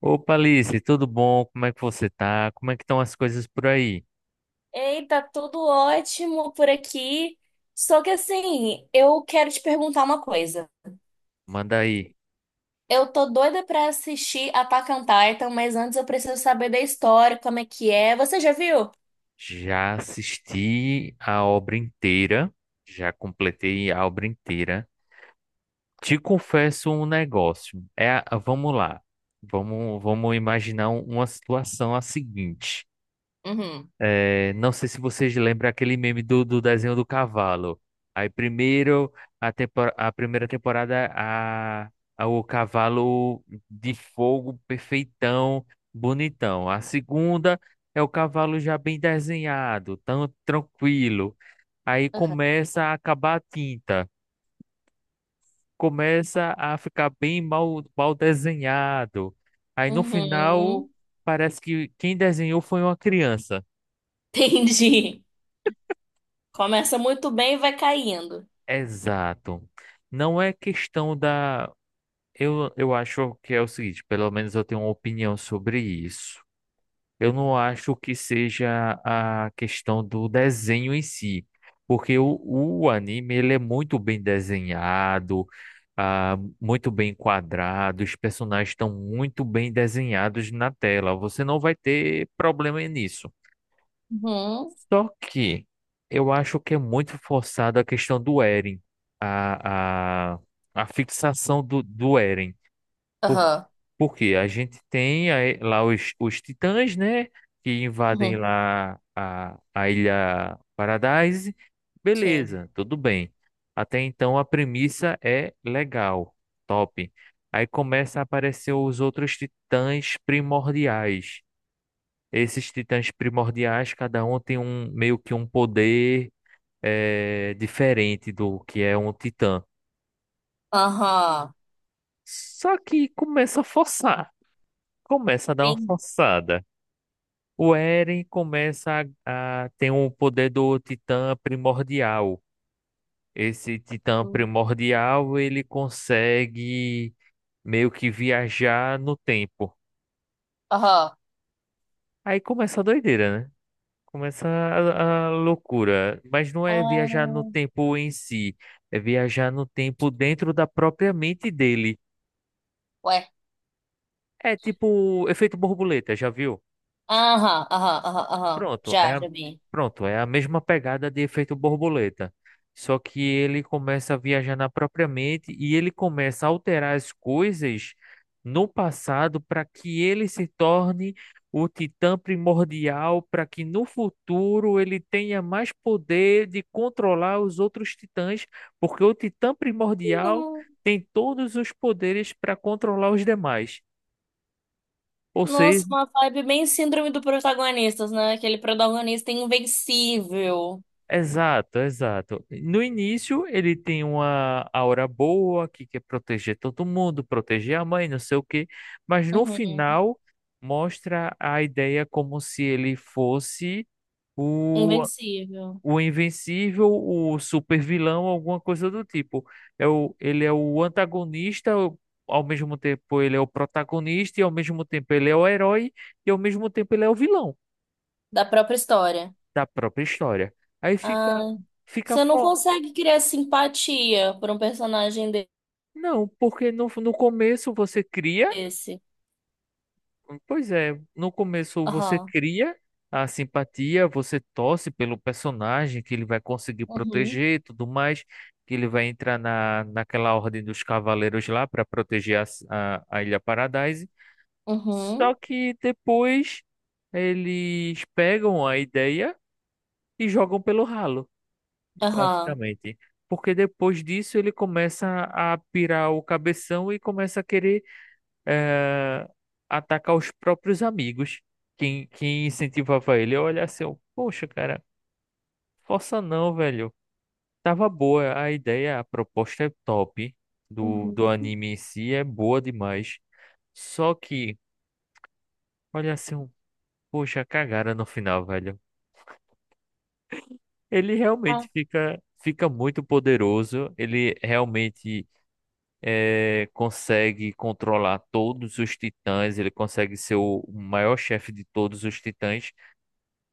Opa, Alice, tudo bom? Como é que você tá? Como é que estão as coisas por aí? Ei, tá tudo ótimo por aqui. Só que assim, eu quero te perguntar uma coisa. Manda aí. Eu tô doida pra assistir Attack on Titan, mas antes eu preciso saber da história, como é que é. Você já viu? Já assisti a obra inteira, já completei a obra inteira. Te confesso um negócio. Vamos lá. Vamos imaginar uma situação a seguinte. Uhum. Não sei se vocês lembram aquele meme do desenho do cavalo. Aí primeiro a primeira temporada, o cavalo de fogo perfeitão, bonitão. A segunda é o cavalo já bem desenhado, tão tranquilo. Aí Aham. começa a acabar a tinta, começa a ficar bem mal, mal desenhado. Aí no final Uhum. parece que quem desenhou foi uma criança. Entendi. Começa muito bem e vai caindo. Exato. Não é questão da. Eu acho que é o seguinte, pelo menos eu tenho uma opinião sobre isso. Eu não acho que seja a questão do desenho em si, porque o anime ele é muito bem desenhado, muito bem quadrado, os personagens estão muito bem desenhados na tela. Você não vai ter problema nisso. Uhum. Só que eu acho que é muito forçada a questão do Eren, a, a, a fixação do Eren. Por, Aham. Porque a gente tem aí lá os titãs, né? Que invadem Uhum. lá a Ilha Paradise. Sim. Beleza, tudo bem. Até então a premissa é legal, top. Aí começa a aparecer os outros titãs primordiais. Esses titãs primordiais, cada um tem um meio que um poder diferente do que é um titã. Aham. Só que começa a forçar, começa a dar uma Sim. forçada. O Eren começa a ter o poder do titã primordial. Esse titã primordial, ele consegue meio que viajar no tempo. Aham. Aí começa a doideira, né? Começa a loucura, mas não é viajar no Ah, tempo em si, é viajar no tempo dentro da própria mente dele. ué. É tipo efeito borboleta, já viu? Aham, aham, aham, aham. Pronto, é Já, a, já vi. pronto, é a mesma pegada de efeito borboleta. Só que ele começa a viajar na própria mente e ele começa a alterar as coisas no passado para que ele se torne o titã primordial, para que no futuro ele tenha mais poder de controlar os outros titãs, porque o titã primordial tem todos os poderes para controlar os demais. Ou seja, Nossa, uma vibe bem síndrome do protagonista, né? Aquele protagonista invencível. exato, exato. No início, ele tem uma aura boa, que quer proteger todo mundo, proteger a mãe, não sei o quê, mas no Uhum. final mostra a ideia como se ele fosse o, Invencível. o invencível, o super vilão, alguma coisa do tipo. Ele é o antagonista, ao mesmo tempo ele é o protagonista, e ao mesmo tempo ele é o herói, e ao mesmo tempo ele é o vilão Da própria história. da própria história. Aí fica, Ah, fica, você não fo- consegue criar simpatia por um personagem Não, porque no começo você cria, desse. pois é, no começo você Aham. cria a simpatia, você torce pelo personagem que ele vai conseguir Uhum. proteger e tudo mais, que ele vai entrar naquela ordem dos cavaleiros lá para proteger a Ilha Paradise. Só Uhum. que depois eles pegam a ideia e jogam pelo ralo, Aham. basicamente. Porque depois disso ele começa a pirar o cabeção e começa a querer eh, atacar os próprios amigos. Quem incentivava ele a olhar assim, eu, poxa, cara, força não, velho. Tava boa a ideia, a proposta é top do Uhum. anime em si, é boa demais. Só que, olha assim, eu, poxa, cagada no final, velho. Ele Ah, realmente fica muito poderoso, ele realmente consegue controlar todos os titãs, ele consegue ser o maior chefe de todos os titãs.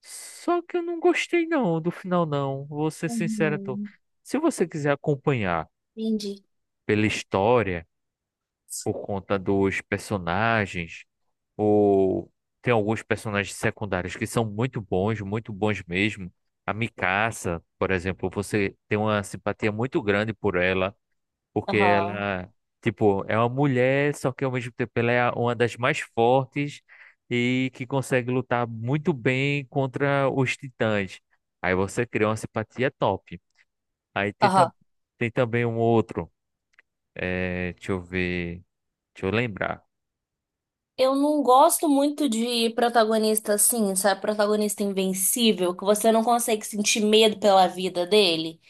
Só que eu não gostei não do final não, vou ser sincero, tô. uhum. Se você quiser acompanhar Entendi. pela história, por conta dos personagens, ou tem alguns personagens secundários que são muito bons mesmo. A Mikasa, por exemplo, você tem uma simpatia muito grande por ela. Porque Aham. ela, tipo, é uma mulher, só que ao mesmo tempo ela é uma das mais fortes e que consegue lutar muito bem contra os titãs. Aí você cria uma simpatia top. Aí tem, tam- Aham. Tem também um outro, é, deixa eu ver, deixa eu lembrar. Eu não gosto muito de protagonista assim, sabe? Protagonista invencível, que você não consegue sentir medo pela vida dele.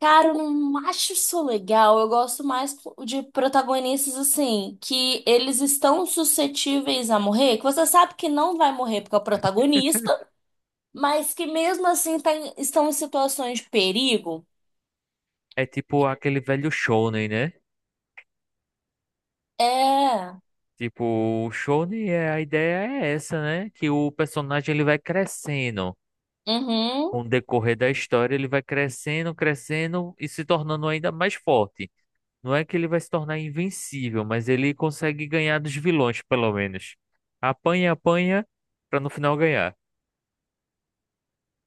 Cara, eu não acho isso legal. Eu gosto mais de protagonistas assim, que eles estão suscetíveis a morrer, que você sabe que não vai morrer porque é o protagonista, mas que mesmo assim estão em situações de perigo. É tipo aquele velho Shonen, né? É. Tipo, o Shonen, é, a ideia é essa, né? Que o personagem ele vai crescendo. Uhum. Com o decorrer da história, ele vai crescendo, crescendo e se tornando ainda mais forte. Não é que ele vai se tornar invencível, mas ele consegue ganhar dos vilões, pelo menos. Apanha, apanha, pra no final ganhar.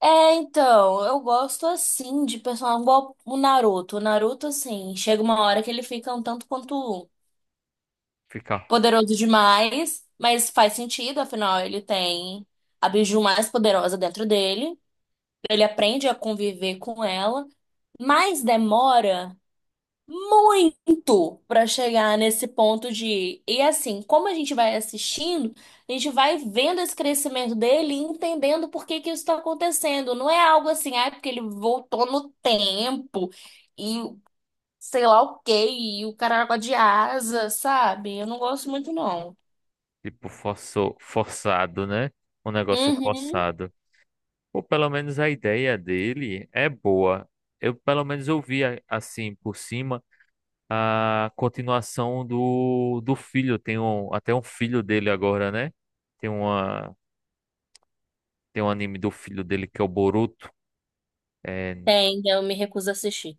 É, então, eu gosto assim de personagem igual o Naruto. O Naruto, assim, chega uma hora que ele fica um tanto quanto Ficar, poderoso demais, mas faz sentido, afinal, ele tem a biju mais poderosa dentro dele. Ele aprende a conviver com ela, mas demora muito para chegar nesse ponto de. E assim, como a gente vai assistindo, a gente vai vendo esse crescimento dele e entendendo por que que isso está acontecendo. Não é algo assim, ah, é porque ele voltou no tempo e sei lá o quê, e o caramba de asa, sabe? Eu não gosto muito, não. tipo, forçado, né? Um negócio Uhum. forçado. Ou pelo menos a ideia dele é boa. Eu, pelo menos, eu vi, assim, por cima, a continuação do filho. Tem um, até um filho dele agora, né? Tem uma, tem um anime do filho dele que é o Boruto. É, Tem, eu me recuso a assistir.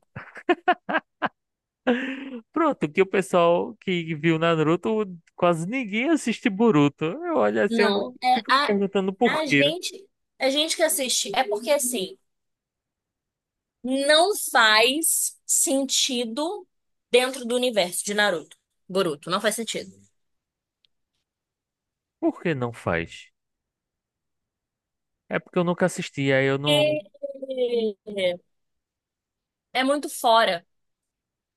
pronto, que o pessoal que viu Naruto, quase ninguém assiste Boruto. Eu olho assim, Não, eu é fico me perguntando por a quê. gente, a gente que assiste, é porque assim. Não faz sentido dentro do universo de Naruto, Boruto, não faz sentido. Por que não faz? É porque eu nunca assisti, aí eu não. E é muito fora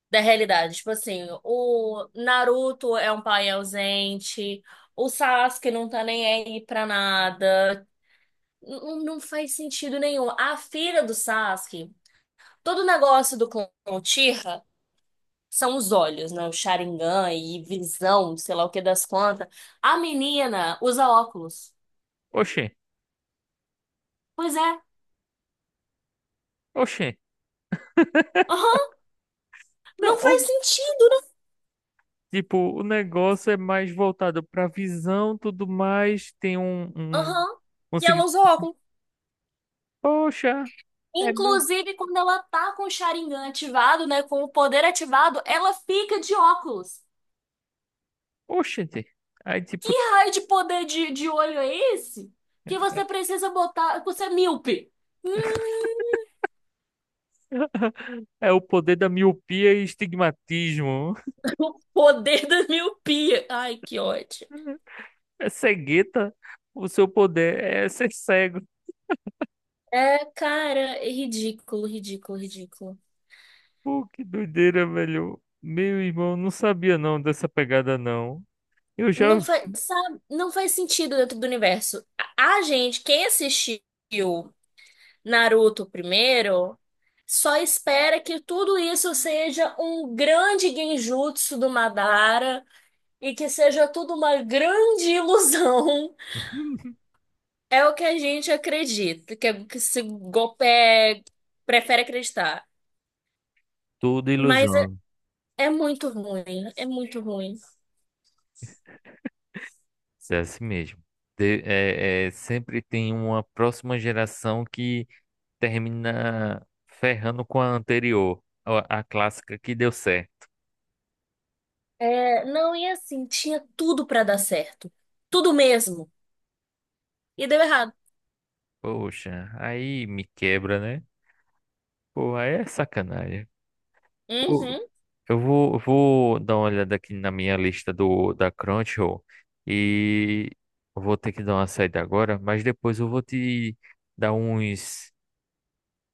da realidade. Tipo assim, o Naruto é um pai ausente, o Sasuke não tá nem aí pra nada. Não, não faz sentido nenhum. A filha do Sasuke, todo o negócio do clã Uchiha são os olhos, né? O Sharingan e visão, sei lá o que das quantas. A menina usa óculos. Oxê, Pois é. oxê. Aham. Não, Não ó, faz sentido, tipo, o negócio é mais voltado pra visão, tudo mais. Não. Aham. Um E ela seguinte. usa óculos. Poxa, é. me- Inclusive, quando ela tá com o Sharingan ativado, né? Com o poder ativado, ela fica de óculos. Oxente. Aí, Que tipo, raio de poder de olho é esse? Que você precisa botar. Você é míope. Hum, é o poder da miopia e estigmatismo. o poder da miopia. Ai, que ódio. É cegueta. O seu poder é ser cego. É, cara, é ridículo, ridículo, ridículo. Pô, que doideira, velho. Meu irmão, não sabia não dessa pegada, não. Eu já. Não faz, sabe, não faz sentido dentro do universo. A gente, quem assistiu Naruto primeiro, só espera que tudo isso seja um grande genjutsu do Madara e que seja tudo uma grande ilusão. É o que a gente acredita, que esse Gopé prefere acreditar. Tudo Mas ilusão. é, é muito ruim, é muito ruim. Isso é assim mesmo. Sempre tem uma próxima geração que termina ferrando com a anterior, a clássica que deu certo. É, não, e assim, tinha tudo pra dar certo. Tudo mesmo. E deu errado. Poxa, aí me quebra, né? Pô, aí é sacanagem. Uhum. Eu vou dar uma olhada aqui na minha lista do da Crunchyroll e eu vou ter que dar uma saída agora, mas depois eu vou te dar uns,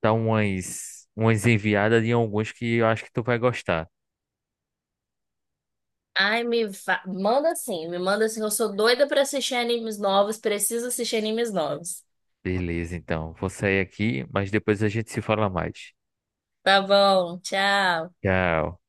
dar umas, umas enviadas de alguns que eu acho que tu vai gostar. Ai, manda sim, me manda sim. Eu sou doida pra assistir animes novos, preciso assistir animes novos. Beleza, então. Vou sair aqui, mas depois a gente se fala mais. Tá bom, tchau. Tchau.